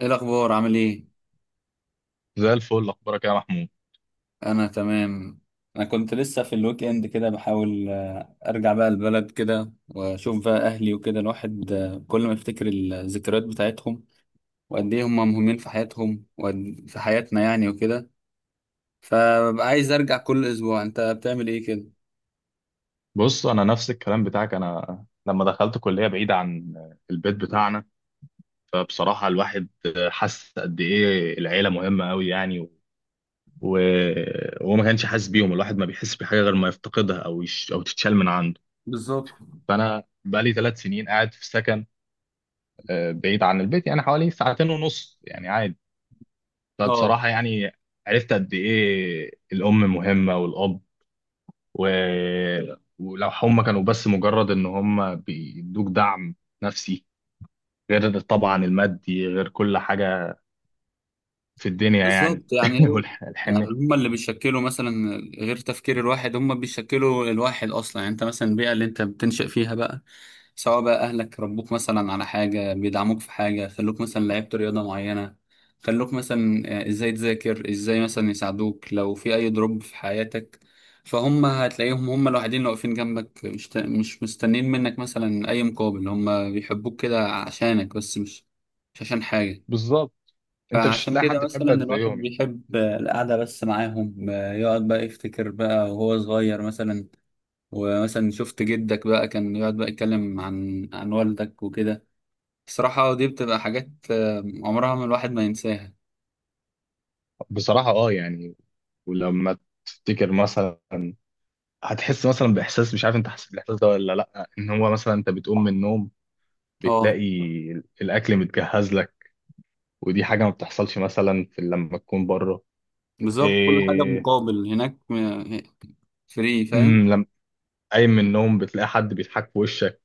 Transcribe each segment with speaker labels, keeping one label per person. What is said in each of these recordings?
Speaker 1: ايه الاخبار؟ عامل ايه؟
Speaker 2: زي الفل. اخبارك إيه يا محمود؟
Speaker 1: انا تمام. انا كنت لسه في الويك اند كده بحاول ارجع بقى البلد كده واشوف بقى اهلي وكده. الواحد كل ما يفتكر الذكريات بتاعتهم وقد ايه هم مهمين في حياتهم وفي حياتنا يعني وكده، فببقى عايز ارجع كل اسبوع. انت بتعمل ايه كده؟
Speaker 2: بص، انا نفس الكلام بتاعك. انا لما دخلت كليه بعيده عن البيت بتاعنا، فبصراحه الواحد حس قد ايه العيله مهمه قوي يعني. وهو ما كانش حاسس بيهم. الواحد ما بيحس بحاجه غير ما يفتقدها، او او تتشال من عنده.
Speaker 1: بالظبط.
Speaker 2: فانا بقالي 3 سنين قاعد في سكن، بعيد عن البيت، يعني حوالي ساعتين ونص، يعني عادي.
Speaker 1: اه،
Speaker 2: فبصراحه يعني عرفت قد ايه الام مهمه والاب. و... ولو هم كانوا بس مجرد ان هم بيدوك دعم نفسي، غير طبعا المادي، غير كل حاجة في الدنيا يعني.
Speaker 1: بالظبط. يعني يعني
Speaker 2: والحنة.
Speaker 1: هم اللي بيشكلوا مثلا غير تفكير الواحد، هم بيشكلوا الواحد اصلا. يعني انت مثلا البيئه اللي انت بتنشأ فيها بقى، سواء بقى اهلك ربوك مثلا على حاجه، بيدعموك في حاجه، خلوك مثلا لعبت رياضه معينه، خلوك مثلا ازاي تذاكر، ازاي مثلا يساعدوك لو في اي دروب في حياتك. فهم هتلاقيهم هم الوحيدين اللي واقفين جنبك، مش مستنين منك مثلا اي مقابل، هم بيحبوك كده عشانك بس، مش مش عشان حاجه.
Speaker 2: بالظبط، انت مش
Speaker 1: فعشان
Speaker 2: هتلاقي حد
Speaker 1: كده مثلا
Speaker 2: يحبك
Speaker 1: الواحد
Speaker 2: زيهم يعني.
Speaker 1: بيحب القعده بس معاهم، يقعد بقى يفتكر بقى وهو صغير مثلا. ومثلا شفت جدك بقى كان يقعد بقى يتكلم عن والدك وكده. الصراحة دي بتبقى حاجات عمرها ما الواحد ما ينساها.
Speaker 2: بصراحة اه يعني. ولما تفتكر مثلا، هتحس مثلا باحساس. مش عارف انت حسيت بالاحساس ده ولا لا؟ ان هو مثلا انت بتقوم من النوم،
Speaker 1: اه
Speaker 2: بتلاقي الاكل متجهز لك، ودي حاجة ما بتحصلش مثلا في لما تكون بره.
Speaker 1: بالظبط، كل حاجة
Speaker 2: إيه،
Speaker 1: بمقابل هناك. فري فاهم.
Speaker 2: قايم من النوم بتلاقي حد بيضحك في وشك.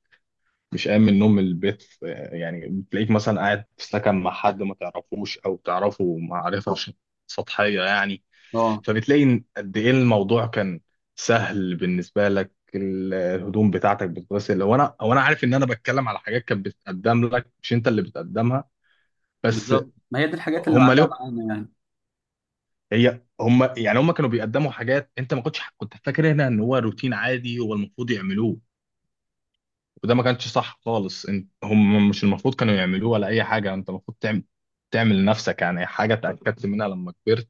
Speaker 2: مش قايم من النوم من البيت، يعني بتلاقيك مثلا قاعد في سكن مع حد ما تعرفوش او تعرفه معرفة سطحية يعني.
Speaker 1: اه
Speaker 2: فبتلاقي إن قد ايه الموضوع كان سهل بالنسبة لك. الهدوم بتاعتك بتتغسل. هو انا عارف ان انا بتكلم على حاجات كانت بتتقدم لك، مش انت اللي بتقدمها بس.
Speaker 1: بالظبط، ما هي دي الحاجات اللي
Speaker 2: هم
Speaker 1: معلقة
Speaker 2: ليه؟
Speaker 1: معانا يعني.
Speaker 2: هي هم، يعني هم كانوا بيقدموا حاجات انت ما كنتش كنت فاكر هنا ان هو روتين عادي هو المفروض يعملوه. وده ما كانش صح خالص. انت هم مش المفروض كانوا يعملوه ولا اي حاجه، انت المفروض تعمل لنفسك. يعني حاجه اتاكدت منها لما كبرت،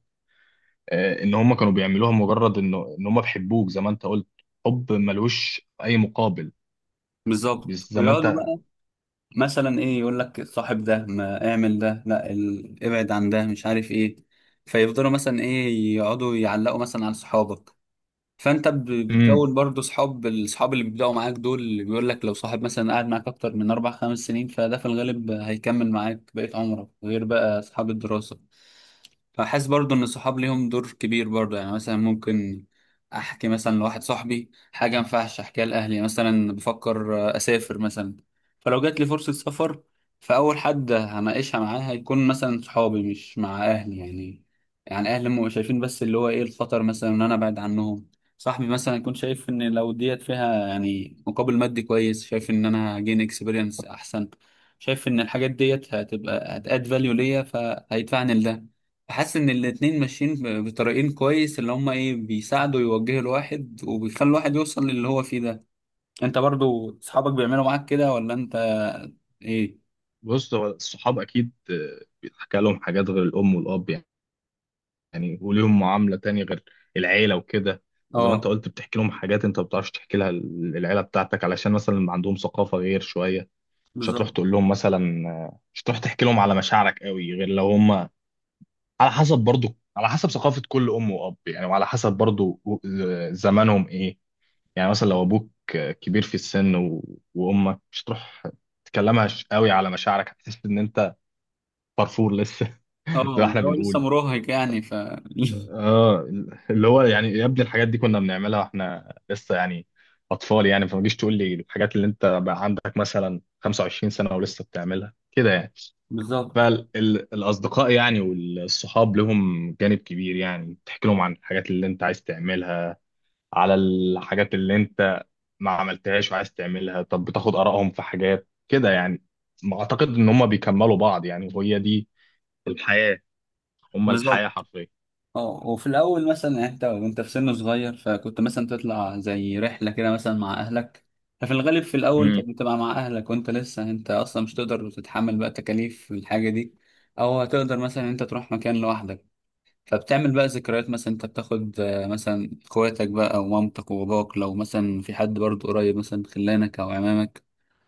Speaker 2: ان هم كانوا بيعملوها مجرد انه ان هم بيحبوك زي ما انت قلت. حب ملوش اي مقابل.
Speaker 1: بالظبط
Speaker 2: بس زي ما
Speaker 1: ويقعدوا
Speaker 2: انت.
Speaker 1: بقى مثلا ايه يقول لك صاحب ده، ما اعمل ده، لا ابعد عن ده، مش عارف ايه. فيفضلوا مثلا ايه يقعدوا يعلقوا مثلا على صحابك. فانت
Speaker 2: امم.
Speaker 1: بتكون برضو صحاب. الصحاب اللي بيبداوا معاك دول اللي بيقول لك، لو صاحب مثلا قاعد معاك اكتر من اربع خمس سنين فده في الغالب هيكمل معاك بقية عمرك، غير بقى اصحاب الدراسة. فحاسس برضو ان الصحاب ليهم دور كبير برضو. يعني مثلا ممكن احكي مثلا لواحد صاحبي حاجه ما ينفعش احكيها لاهلي. مثلا بفكر اسافر مثلا، فلو جات لي فرصه سفر، فاول حد هناقشها معاه هيكون مثلا صحابي، مش مع اهلي يعني. يعني اهلي هم شايفين بس اللي هو ايه الخطر مثلا ان انا ابعد عنهم. صاحبي مثلا يكون شايف ان لو ديت فيها يعني مقابل مادي كويس، شايف ان انا هجين اكسبيرينس احسن، شايف ان الحاجات ديت هتبقى هتاد فاليو ليا، فهيدفعني لده. حاسس ان الاتنين ماشيين بطريقين كويس، اللي هما ايه بيساعدوا يوجهوا الواحد، وبيخلوا الواحد يوصل للي هو فيه ده. انت برضو اصحابك بيعملوا معاك كده ولا انت؟ ايه؟
Speaker 2: بص، هو الصحاب اكيد بيتحكى لهم حاجات غير الام والاب يعني. يعني وليهم معامله تانية غير العيله وكده. وزي ما انت
Speaker 1: اه
Speaker 2: قلت، بتحكي لهم حاجات انت ما بتعرفش تحكي لها العيله بتاعتك، علشان مثلا عندهم ثقافه غير شويه. مش هتروح
Speaker 1: بالظبط.
Speaker 2: تقول لهم مثلا. مش هتروح تحكي لهم على مشاعرك قوي غير لو هم. على حسب برضو على حسب ثقافة كل أم وأب يعني، وعلى حسب برضو زمانهم إيه. يعني مثلا لو أبوك كبير في السن وأمك، مش هتروح تكلمها قوي على مشاعرك. هتحس إن أنت فرفور لسه. زي ما
Speaker 1: اه،
Speaker 2: إحنا
Speaker 1: هو لسه
Speaker 2: بنقول.
Speaker 1: مراهق يعني، ف...
Speaker 2: آه. اللي هو يعني يا ابني الحاجات دي كنا بنعملها وإحنا لسه يعني أطفال. يعني فما تجيش تقول لي الحاجات اللي أنت بقى عندك مثلا 25 سنة ولسه بتعملها كده يعني.
Speaker 1: بالظبط.
Speaker 2: فالأصدقاء يعني والصحاب لهم جانب كبير يعني. تحكي لهم عن الحاجات اللي انت عايز تعملها، على الحاجات اللي انت ما عملتهاش وعايز تعملها. طب بتاخد آرائهم في حاجات كده يعني. ما أعتقد إن هم بيكملوا بعض يعني، وهي دي الحياة. هم الحياة
Speaker 1: بالظبط،
Speaker 2: حرفيا.
Speaker 1: اه. وفي الاول مثلا يعني انت وانت في سن صغير، فكنت مثلا تطلع زي رحله كده مثلا مع اهلك. ففي الغالب في الاول
Speaker 2: امم.
Speaker 1: كنت بتبقى مع اهلك، وانت لسه انت اصلا مش تقدر تتحمل بقى تكاليف الحاجه دي، او هتقدر مثلا انت تروح مكان لوحدك. فبتعمل بقى ذكريات، مثلا انت بتاخد مثلا اخواتك بقى ومامتك وباباك، لو مثلا في حد برضه قريب مثلا خلانك او عمامك،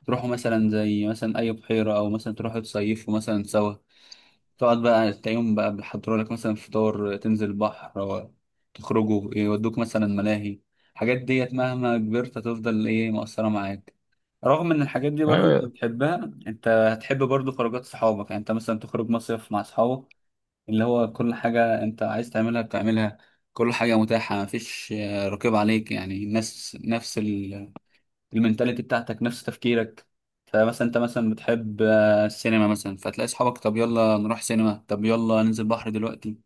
Speaker 1: تروحوا مثلا زي مثلا اي بحيره، او مثلا تروحوا تصيفوا مثلا سوا. تقعد بقى تلاقيهم بقى بيحضروا لك مثلا فطار، تنزل البحر، أو تخرجوا يودوك مثلا ملاهي. الحاجات ديت مهما كبرت هتفضل ايه مؤثرة معاك. رغم ان الحاجات دي برضو انت
Speaker 2: ايوه.
Speaker 1: بتحبها، انت هتحب برضو خروجات صحابك. يعني انت مثلا تخرج مصيف مع اصحابك، اللي هو كل حاجة انت عايز تعملها بتعملها، كل حاجة متاحة، مفيش رقيب عليك. يعني الناس نفس المينتاليتي بتاعتك، نفس تفكيرك. فمثلا انت مثلا بتحب السينما مثلا، فتلاقي اصحابك طب يلا نروح سينما، طب يلا ننزل بحر دلوقتي،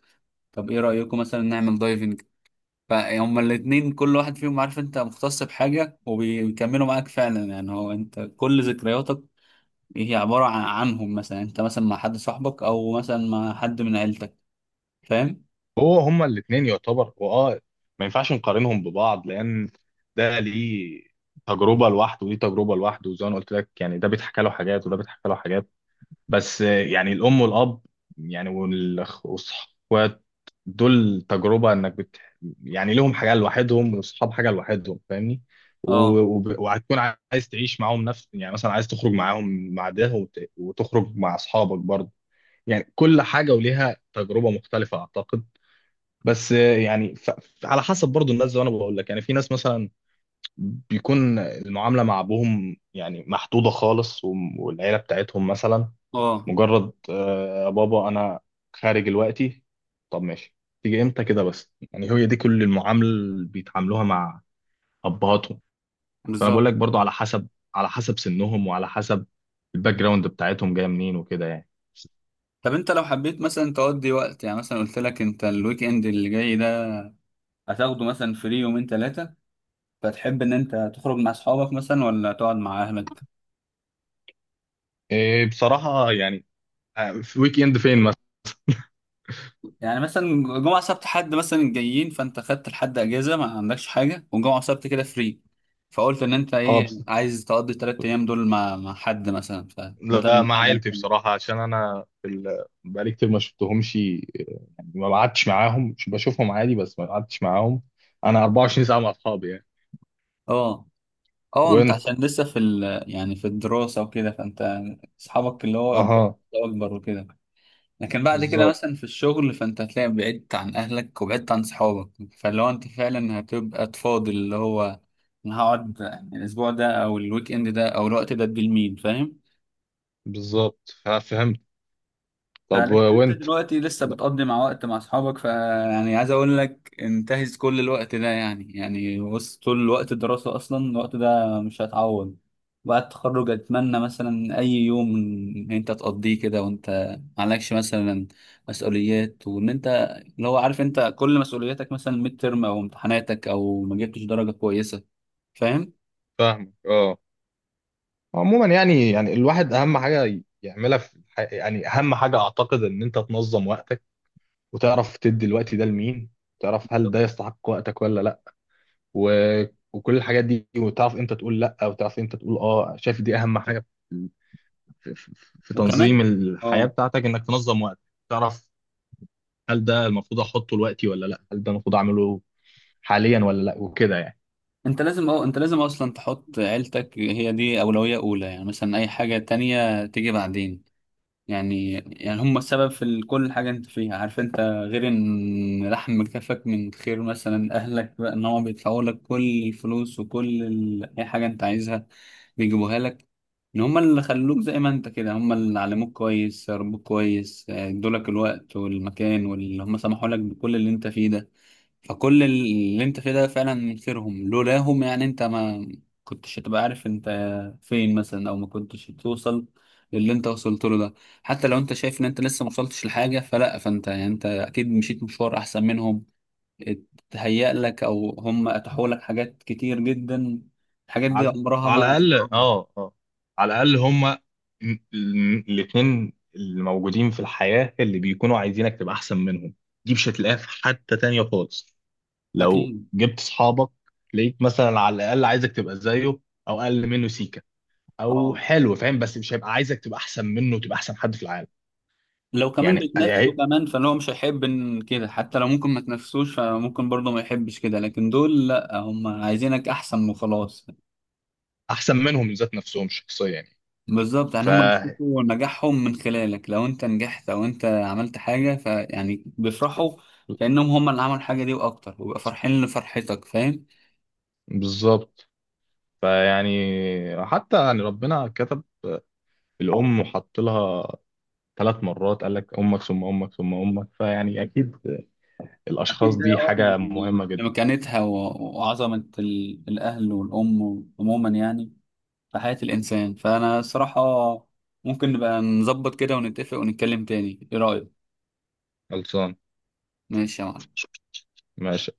Speaker 1: طب ايه رأيكم مثلا نعمل دايفنج. فهم الاتنين كل واحد فيهم عارف انت مختص بحاجة وبيكملوا معاك فعلا. يعني هو انت كل ذكرياتك هي عبارة عن عنهم، مثلا انت مثلا مع حد صاحبك، او مثلا مع حد من عيلتك. فاهم؟
Speaker 2: هو هم الاتنين يعتبر ما ينفعش نقارنهم ببعض، لأن ده ليه تجربة لوحده ودي تجربة لوحده. وزي ما أنا قلت لك يعني، ده بيتحكى له حاجات وده بيتحكى له حاجات. بس يعني الأم والأب يعني، والأخوات، دول تجربة إنك يعني لهم حاجة لوحدهم والصحاب حاجة لوحدهم، فاهمني. و...
Speaker 1: اه.
Speaker 2: وهتكون عايز تعيش معاهم نفس، يعني مثلا عايز تخرج معاهم مع ده، وتخرج مع أصحابك برضه. يعني كل حاجة وليها تجربة مختلفة أعتقد. بس يعني على حسب برضه الناس. زي ما أنا بقول لك يعني في ناس مثلا بيكون المعاملة مع أبوهم يعني محدودة خالص، والعيلة بتاعتهم مثلا
Speaker 1: اه
Speaker 2: مجرد يا بابا، انا خارج دلوقتي. طب ماشي، تيجي امتى كده. بس يعني هي دي كل المعامله اللي بيتعاملوها مع ابهاتهم. فانا
Speaker 1: بالظبط.
Speaker 2: بقول لك برضو على حسب سنهم، وعلى حسب الباك جراوند بتاعتهم جايه منين وكده يعني.
Speaker 1: طب انت لو حبيت مثلا تقضي وقت، يعني مثلا قلت لك انت الويك اند اللي جاي ده هتاخده مثلا فري يومين ثلاثة، فتحب إن أنت تخرج مع أصحابك مثلا ولا تقعد مع أهلك؟
Speaker 2: إيه بصراحه يعني. في ويك اند فين مثلا؟
Speaker 1: يعني مثلا جمعة سبت حد مثلا جايين، فأنت خدت لحد أجازة، ما عندكش حاجة، وجمعة سبت كده فري، فقلت إن أنت
Speaker 2: اه
Speaker 1: إيه
Speaker 2: بس
Speaker 1: عايز تقضي التلات أيام دول مع مع حد مثلا، فبدل
Speaker 2: لا، مع
Speaker 1: القعدة.
Speaker 2: عيلتي بصراحه. عشان انا في بقالي كتير ما شفتهمش. يعني ما قعدتش معاهم. مش بشوفهم عادي بس ما قعدتش معاهم. انا 24 ساعه مع اصحابي يعني.
Speaker 1: أه. أه أنت
Speaker 2: وانت.
Speaker 1: عشان لسه في ال يعني في الدراسة وكده، فأنت أصحابك اللي هو
Speaker 2: اها.
Speaker 1: أكبر وكده. لكن بعد كده
Speaker 2: بالظبط،
Speaker 1: مثلا في الشغل فانت هتلاقي بعدت عن اهلك وبعدت عن صحابك. فاللي هو انت فعلا هتبقى تفاضل، اللي هو انا هقعد يعني الاسبوع ده او الويك اند ده او الوقت ده، ادي لمين. فاهم؟
Speaker 2: بالظبط، فهمت. طب
Speaker 1: فانت
Speaker 2: وانت.
Speaker 1: دلوقتي لسه
Speaker 2: لا،
Speaker 1: بتقضي مع وقت مع اصحابك، فيعني عايز اقول لك انتهز كل الوقت ده يعني. يعني بص طول وقت الدراسة اصلا الوقت ده مش هيتعوض. بعد التخرج اتمنى مثلا اي يوم ان انت تقضيه كده وانت معلكش مثلا مسؤوليات، وان انت اللي هو عارف انت كل مسؤولياتك، مثلا ميد ترم او امتحاناتك او ما جبتش درجة كويسة. فاهم؟
Speaker 2: فاهمك اه. عموما يعني الواحد اهم حاجه يعملها في يعني اهم حاجه اعتقد ان انت تنظم وقتك، وتعرف تدي الوقت ده لمين، تعرف هل ده يستحق وقتك ولا لا. و... وكل الحاجات دي. وتعرف امتى تقول لا، وتعرف امتى تقول اه. شايف دي اهم حاجه في, في في
Speaker 1: وكمان
Speaker 2: تنظيم الحياه
Speaker 1: اه،
Speaker 2: بتاعتك، انك تنظم وقتك. تعرف هل ده المفروض احطه لوقتي ولا لا؟ هل ده المفروض اعمله حاليا ولا لا، وكده يعني.
Speaker 1: انت لازم اه، انت لازم اصلا تحط عيلتك، هي دي اولوية اولى. يعني مثلا اي حاجة تانية تيجي بعدين. يعني يعني هم السبب في كل حاجة انت فيها. عارف انت، غير ان لحم كفك من خير مثلا اهلك بقى، ان هم بيدفعوا لك كل الفلوس وكل اي حاجة انت عايزها بيجيبوها لك، ان هم اللي خلوك زي ما انت كده، هم اللي علموك كويس، ربوك كويس، ادولك الوقت والمكان، واللي هم سمحوا لك بكل اللي انت فيه ده. فكل اللي انت فيه ده فعلا من خيرهم، لولاهم يعني انت ما كنتش هتبقى عارف انت فين مثلا، او ما كنتش توصل للي انت وصلت له ده. حتى لو انت شايف ان انت لسه ما وصلتش لحاجه، فلا، فانت يعني انت اكيد مشيت مشوار احسن منهم، اتهيأ لك، او هم اتاحوا لك حاجات كتير جدا. الحاجات دي
Speaker 2: على
Speaker 1: عمرها ما
Speaker 2: على الاقل
Speaker 1: هتتعوض.
Speaker 2: اه، اه، على الاقل هما الاتنين الموجودين في الحياه اللي بيكونوا عايزينك تبقى احسن منهم. دي مش هتلاقيها في حته تانية خالص. لو
Speaker 1: اكيد.
Speaker 2: جبت صحابك لقيت مثلا على الاقل عايزك تبقى زيه، او اقل منه سيكه او
Speaker 1: اه
Speaker 2: حلو فاهم. بس مش هيبقى عايزك تبقى احسن منه وتبقى احسن حد في العالم.
Speaker 1: لو كمان
Speaker 2: يعني
Speaker 1: بيتنافسوا كمان، فهو مش هيحب إن كده، حتى لو ممكن ما تنافسوش فممكن برضه ما يحبش كده، لكن دول لا، هم عايزينك احسن وخلاص.
Speaker 2: احسن منهم من ذات نفسهم شخصيا يعني.
Speaker 1: بالظبط يعني
Speaker 2: ف
Speaker 1: هم بيشوفوا نجاحهم من خلالك، لو انت نجحت او انت عملت حاجة فيعني بيفرحوا كأنهم هم اللي عملوا الحاجة دي واكتر، ويبقى فرحين لفرحتك. فاهم؟
Speaker 2: بالظبط. فيعني حتى يعني ربنا كتب الأم وحط لها 3 مرات. قال لك امك ثم امك ثم امك. فيعني اكيد الاشخاص
Speaker 1: أكيد ده
Speaker 2: دي
Speaker 1: اه،
Speaker 2: حاجه مهمه
Speaker 1: يعني
Speaker 2: جدا.
Speaker 1: لمكانتها وعظمة الأهل والأم عموما يعني في حياة الإنسان. فأنا الصراحة ممكن نبقى نظبط كده ونتفق ونتكلم تاني، إيه رأيك؟
Speaker 2: خلصان.
Speaker 1: ماشي يا معلم.
Speaker 2: ماشي.